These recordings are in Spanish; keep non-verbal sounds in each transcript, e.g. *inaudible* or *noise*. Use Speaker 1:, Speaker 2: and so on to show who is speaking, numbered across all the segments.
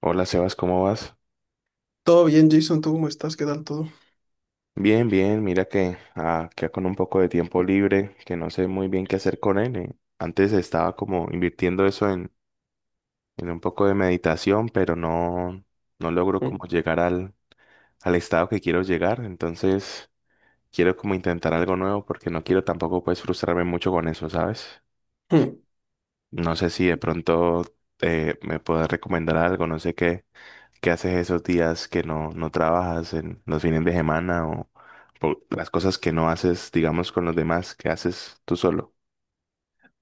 Speaker 1: Hola Sebas, ¿cómo vas?
Speaker 2: Todo bien, Jason, ¿tú cómo estás? ¿Qué tal todo?
Speaker 1: Bien, bien, mira que acá con un poco de tiempo libre, que no sé muy bien qué hacer con él. Antes estaba como invirtiendo eso en un poco de meditación, pero no, no logro como llegar al, al estado que quiero llegar. Entonces quiero como intentar algo nuevo porque no quiero tampoco pues frustrarme mucho con eso, ¿sabes?
Speaker 2: Ujú.
Speaker 1: No sé si de pronto me puedes recomendar algo, no sé qué. ¿Qué haces esos días que no trabajas en los fines de semana o por las cosas que no haces, digamos, con los demás, que haces tú solo?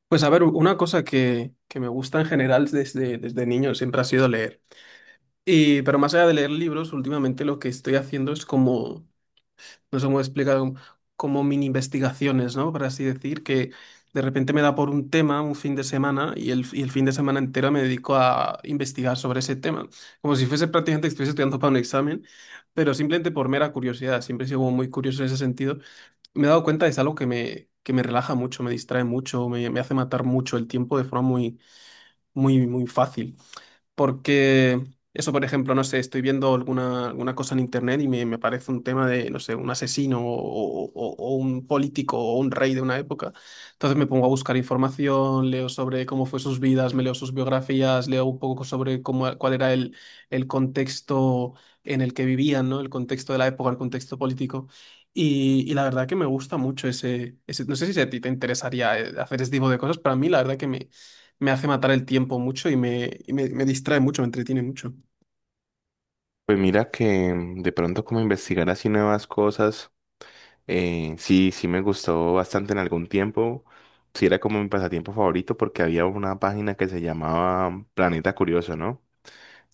Speaker 2: Pues a ver, una cosa que me gusta en general desde niño siempre ha sido leer. Pero más allá de leer libros, últimamente lo que estoy haciendo es como, no sé cómo explicar, como mini investigaciones, ¿no? Por así decir, que de repente me da por un tema un fin de semana y el fin de semana entero me dedico a investigar sobre ese tema. Como si fuese prácticamente que estuviese estudiando para un examen, pero simplemente por mera curiosidad. Siempre he sido como muy curioso en ese sentido. Me he dado cuenta, es algo que me relaja mucho, me distrae mucho, me hace matar mucho el tiempo de forma muy fácil. Porque eso, por ejemplo, no sé, estoy viendo alguna cosa en internet y me parece un tema de, no sé, un asesino o o un político o un rey de una época. Entonces me pongo a buscar información, leo sobre cómo fue sus vidas, me leo sus biografías, leo un poco sobre cómo, cuál era el contexto en el que vivían, ¿no? El contexto de la época, el contexto político. Y la verdad que me gusta mucho ese, no sé si a ti te interesaría hacer ese tipo de cosas, pero a mí la verdad me hace matar el tiempo mucho y me distrae mucho, me entretiene mucho.
Speaker 1: Pues mira que mm, de pronto como investigar así nuevas cosas, sí, sí me gustó bastante en algún tiempo. Sí era como mi pasatiempo favorito porque había una página que se llamaba Planeta Curioso, ¿no?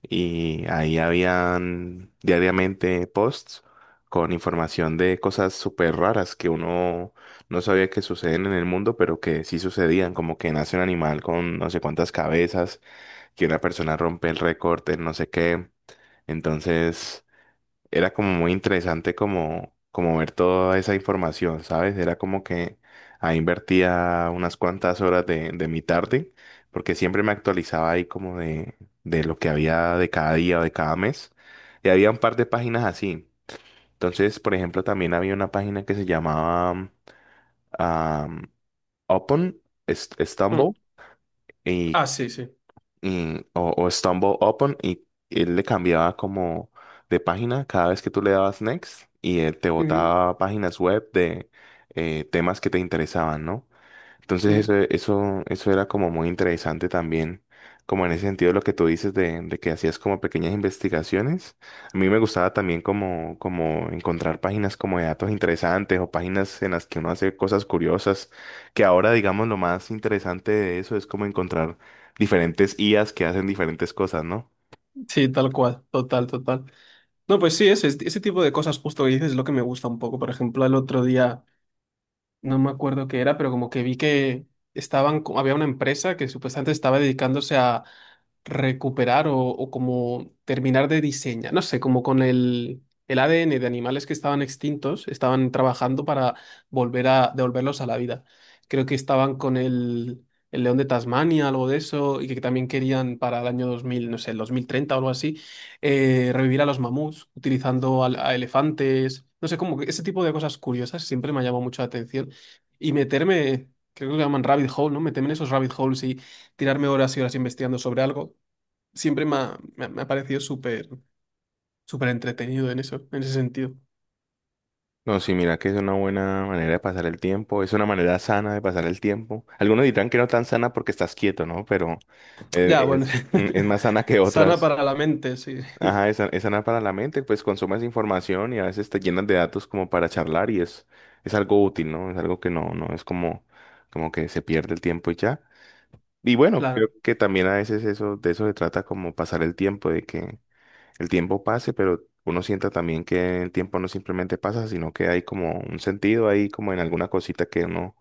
Speaker 1: Y ahí habían diariamente posts con información de cosas súper raras que uno no sabía que suceden en el mundo, pero que sí sucedían, como que nace un animal con no sé cuántas cabezas, que una persona rompe el récord en no sé qué. Entonces era como muy interesante como, como ver toda esa información, ¿sabes? Era como que ahí invertía unas cuantas horas de mi tarde, porque siempre me actualizaba ahí como de lo que había de cada día o de cada mes. Y había un par de páginas así. Entonces, por ejemplo, también había una página que se llamaba um, Upon Stumble.
Speaker 2: Mm. Ah,
Speaker 1: y
Speaker 2: sí, sí.
Speaker 1: o Stumble Upon, y él le cambiaba como de página cada vez que tú le dabas next y él te
Speaker 2: Ujú,
Speaker 1: botaba páginas web de temas que te interesaban, ¿no? Entonces
Speaker 2: ujú.
Speaker 1: eso era como muy interesante también, como en ese sentido lo que tú dices de que hacías como pequeñas investigaciones. A mí me gustaba también como, como encontrar páginas como de datos interesantes o páginas en las que uno hace cosas curiosas, que ahora digamos lo más interesante de eso es como encontrar diferentes IAs que hacen diferentes cosas, ¿no?
Speaker 2: Sí, tal cual, total, total. No, pues sí, ese tipo de cosas justo que dices es lo que me gusta un poco. Por ejemplo, el otro día, no me acuerdo qué era, pero como que vi que había una empresa que supuestamente estaba dedicándose a recuperar o como terminar de diseñar, no sé, como con el ADN de animales que estaban extintos, estaban trabajando para volver a devolverlos a la vida. Creo que estaban con el león de Tasmania, algo de eso, y que también querían para el año 2000, no sé, el 2030 o algo así, revivir a los mamuts utilizando elefantes. No sé, como que ese tipo de cosas curiosas siempre me ha llamado mucho la atención y meterme, creo que lo llaman rabbit hole, ¿no? Meterme en esos rabbit holes y tirarme horas y horas investigando sobre algo, siempre me ha parecido súper entretenido en eso, en ese sentido.
Speaker 1: No, sí, mira que es una buena manera de pasar el tiempo, es una manera sana de pasar el tiempo. Algunos dirán que no tan sana porque estás quieto, ¿no? Pero
Speaker 2: Ya, bueno,
Speaker 1: es, es más
Speaker 2: *laughs*
Speaker 1: sana que
Speaker 2: sana
Speaker 1: otras.
Speaker 2: para la mente, sí,
Speaker 1: Ajá, es, es sana para la mente, pues consumes información y a veces te llenas de datos como para charlar y es algo útil, ¿no? Es algo que no es como, como que se pierde el tiempo y ya. Y bueno, creo
Speaker 2: claro,
Speaker 1: que también a veces eso, de eso se trata como pasar el tiempo, de que el tiempo pase, pero uno sienta también que el tiempo no simplemente pasa, sino que hay como un sentido ahí, como en alguna cosita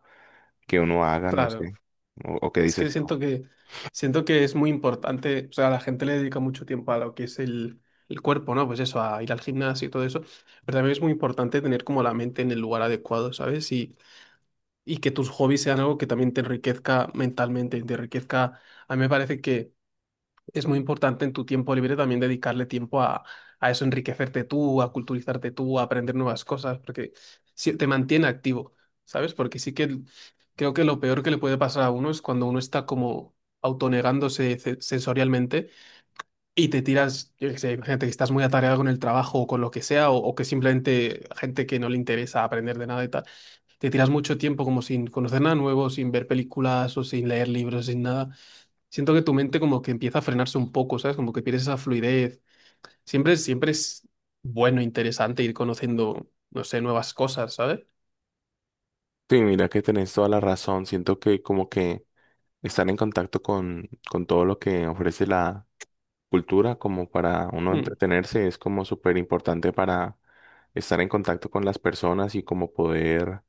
Speaker 1: que uno haga, no
Speaker 2: claro.
Speaker 1: sé, o qué
Speaker 2: Es
Speaker 1: dices
Speaker 2: que
Speaker 1: tú.
Speaker 2: siento que, siento que es muy importante, o sea, la gente le dedica mucho tiempo a lo que es el cuerpo, ¿no? Pues eso, a ir al gimnasio y todo eso, pero también es muy importante tener como la mente en el lugar adecuado, ¿sabes? Y que tus hobbies sean algo que también te enriquezca mentalmente, te enriquezca. A mí me parece que es muy importante en tu tiempo libre también dedicarle tiempo a eso, enriquecerte tú, a culturizarte tú, a aprender nuevas cosas, porque te mantiene activo, ¿sabes? Porque sí que creo que lo peor que le puede pasar a uno es cuando uno está como autonegándose sensorialmente y te tiras, yo qué sé, imagínate que estás muy atareado con el trabajo o con lo que sea, o que simplemente gente que no le interesa aprender de nada y tal te tiras mucho tiempo como sin conocer nada nuevo, sin ver películas o sin leer libros, sin nada. Siento que tu mente como que empieza a frenarse un poco, ¿sabes? Como que pierdes esa fluidez. Siempre es bueno, interesante ir conociendo, no sé, nuevas cosas, ¿sabes?
Speaker 1: Sí, mira que tenés toda la razón. Siento que como que estar en contacto con todo lo que ofrece la, cultura como para uno
Speaker 2: Mm.
Speaker 1: entretenerse es como súper importante para estar en contacto con las personas y como poder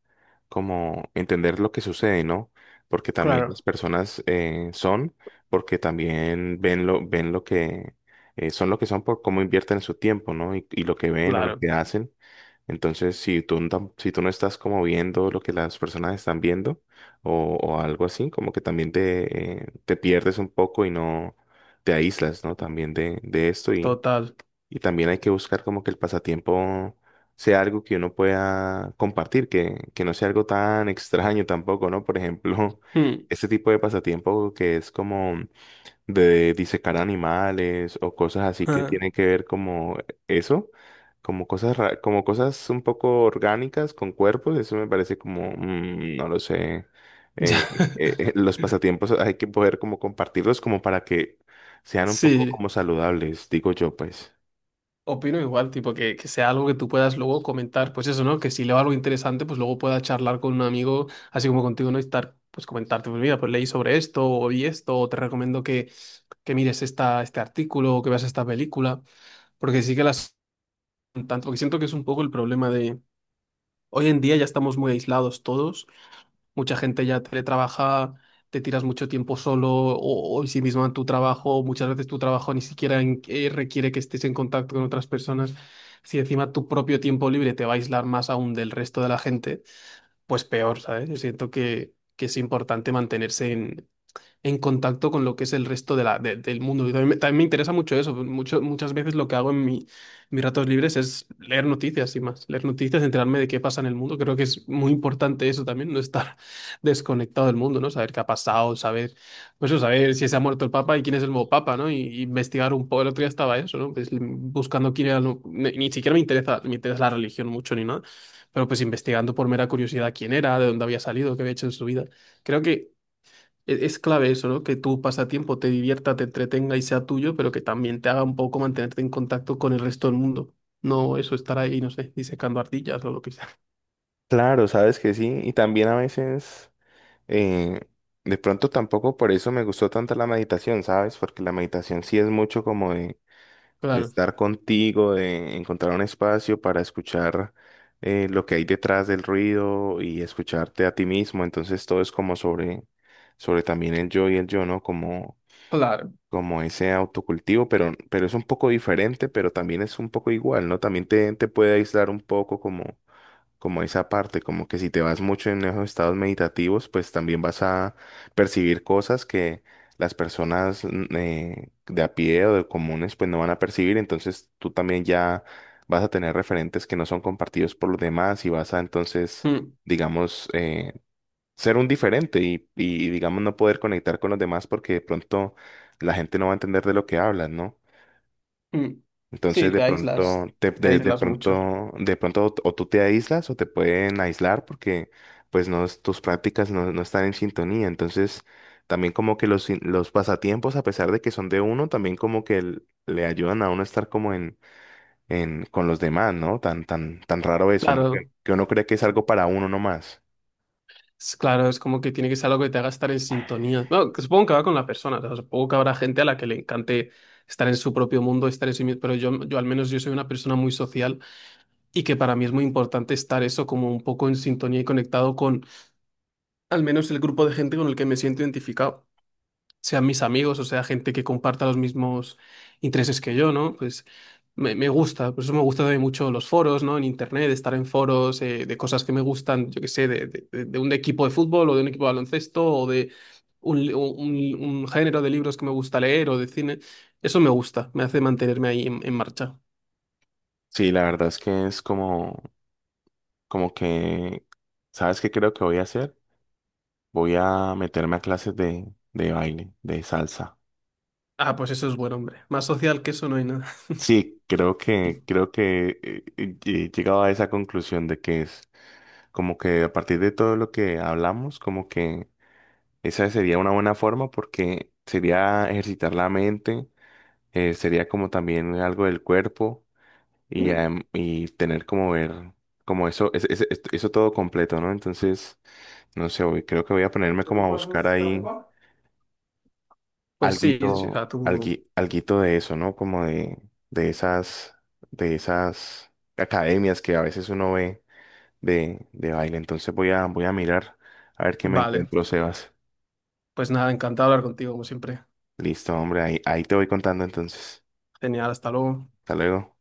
Speaker 1: como entender lo que sucede, ¿no? Porque también las
Speaker 2: Claro.
Speaker 1: personas son, porque también ven lo que son lo que son por cómo invierten su tiempo, ¿no? Y lo que ven o lo
Speaker 2: Claro,
Speaker 1: que hacen. Entonces, si tú, si tú no estás como viendo lo que las personas están viendo o algo así, como que también te, te pierdes un poco y no te aíslas, ¿no? También de esto
Speaker 2: total.
Speaker 1: y también hay que buscar como que el pasatiempo sea algo que uno pueda compartir, que no sea algo tan extraño tampoco, ¿no? Por ejemplo,
Speaker 2: Mm,
Speaker 1: *laughs* este tipo de pasatiempo que es como de disecar animales o cosas así que
Speaker 2: ah,
Speaker 1: tienen que ver como eso, como cosas como cosas un poco orgánicas con cuerpos, eso me parece como, no lo sé,
Speaker 2: *laughs* ya. *laughs*
Speaker 1: los pasatiempos hay que poder como compartirlos como para que sean un poco
Speaker 2: Sí,
Speaker 1: como saludables, digo yo pues.
Speaker 2: opino igual, tipo, que sea algo que tú puedas luego comentar, pues eso, ¿no? Que si leo algo interesante, pues luego pueda charlar con un amigo, así como contigo, ¿no? Y estar, pues comentarte, pues mira, pues leí sobre esto, o vi esto, o te recomiendo que mires este artículo, o que veas esta película, porque sí que las... Tanto que siento que es un poco el problema de... Hoy en día ya estamos muy aislados todos. Mucha gente ya teletrabaja, te tiras mucho tiempo solo o sí mismo en tu trabajo. Muchas veces tu trabajo ni siquiera requiere que estés en contacto con otras personas. Si encima tu propio tiempo libre te va a aislar más aún del resto de la gente, pues peor, ¿sabes? Yo siento que es importante mantenerse en contacto con lo que es el resto de del mundo. Y también me interesa mucho eso. Muchas veces lo que hago en mis ratos libres es leer noticias y más. Leer noticias, enterarme de qué pasa en el mundo. Creo que es muy importante eso también, no estar *laughs* desconectado del mundo, ¿no? Saber qué ha pasado, saber, pues eso, saber si se ha muerto el Papa y quién es el nuevo Papa, ¿no? Y, investigar un poco. El otro día estaba eso, ¿no? Pues, buscando quién era... el nu- Ni, ni siquiera me interesa la religión mucho ni nada, pero pues investigando por mera curiosidad quién era, de dónde había salido, qué había hecho en su vida. Creo que es clave eso, ¿no? Que tu pasatiempo te divierta, te entretenga y sea tuyo, pero que también te haga un poco mantenerte en contacto con el resto del mundo. No eso estar ahí, no sé, disecando ardillas o lo que sea. *laughs*
Speaker 1: Claro, sabes que sí, y también a veces eh, de pronto tampoco por eso me gustó tanto la meditación, ¿sabes? Porque la meditación sí es mucho como de
Speaker 2: Claro,
Speaker 1: estar contigo, de encontrar un espacio para escuchar lo que hay detrás del ruido y escucharte a ti mismo. Entonces todo es como sobre, sobre también el yo y el yo, ¿no? Como,
Speaker 2: claro.
Speaker 1: como ese autocultivo, pero es un poco diferente, pero también es un poco igual, ¿no? También te puede aislar un poco como como esa parte, como que si te vas mucho en esos estados meditativos, pues también vas a percibir cosas que las personas de a pie o de comunes pues no van a percibir, entonces tú también ya vas a tener referentes que no son compartidos por los demás y vas a entonces,
Speaker 2: Mm,
Speaker 1: digamos, ser un diferente y digamos no poder conectar con los demás porque de pronto la gente no va a entender de lo que hablas, ¿no?
Speaker 2: mm. Sí,
Speaker 1: Entonces de pronto,
Speaker 2: te
Speaker 1: de
Speaker 2: aíslas mucho.
Speaker 1: pronto, tú te aíslas o te pueden aislar porque pues no, tus prácticas no, no están en sintonía. Entonces también como que los, los pasatiempos, a pesar de que son de uno, también como que le ayudan a uno a estar como en, con los demás, ¿no? Tan raro eso, ¿no?
Speaker 2: Claro,
Speaker 1: Que uno cree que es algo para uno nomás.
Speaker 2: claro, es como que tiene que ser algo que te haga estar en sintonía. Bueno, que supongo que va con la persona, o sea, supongo que habrá gente a la que le encante estar en su propio mundo, estar en sí mismo, pero yo al menos yo soy una persona muy social y que para mí es muy importante estar eso como un poco en sintonía y conectado con al menos el grupo de gente con el que me siento identificado, sean mis amigos o sea gente que comparta los mismos intereses que yo, ¿no? Pues me gusta, por eso me gustan también mucho los foros, ¿no? En internet, estar en foros de cosas que me gustan, yo qué sé, de un equipo de fútbol o de un equipo de baloncesto o de un género de libros que me gusta leer o de cine. Eso me gusta, me hace mantenerme ahí en marcha.
Speaker 1: Sí, la verdad es que es como, como que, ¿sabes qué creo que voy a hacer? Voy a meterme a clases de baile, de salsa.
Speaker 2: Ah, pues eso es bueno, hombre. Más social que eso no hay nada.
Speaker 1: Sí, creo que he llegado a esa conclusión de que es como que a partir de todo lo que hablamos, como que esa sería una buena forma porque sería ejercitar la mente, sería como también algo del cuerpo y,
Speaker 2: Mm.
Speaker 1: y tener como ver como eso, eso todo completo, ¿no? Entonces, no sé, creo que voy a ponerme como a buscar ahí
Speaker 2: Pues sí, sí,
Speaker 1: alguito,
Speaker 2: o tú...
Speaker 1: alguito de eso, ¿no? Como de esas, de esas academias que a veces uno ve de baile. Entonces voy a, voy a mirar a ver qué me
Speaker 2: Vale.
Speaker 1: encuentro, Sebas.
Speaker 2: Pues nada, encantado de hablar contigo, como siempre.
Speaker 1: Listo, hombre, ahí, ahí te voy contando entonces.
Speaker 2: Genial, hasta luego.
Speaker 1: Hasta luego.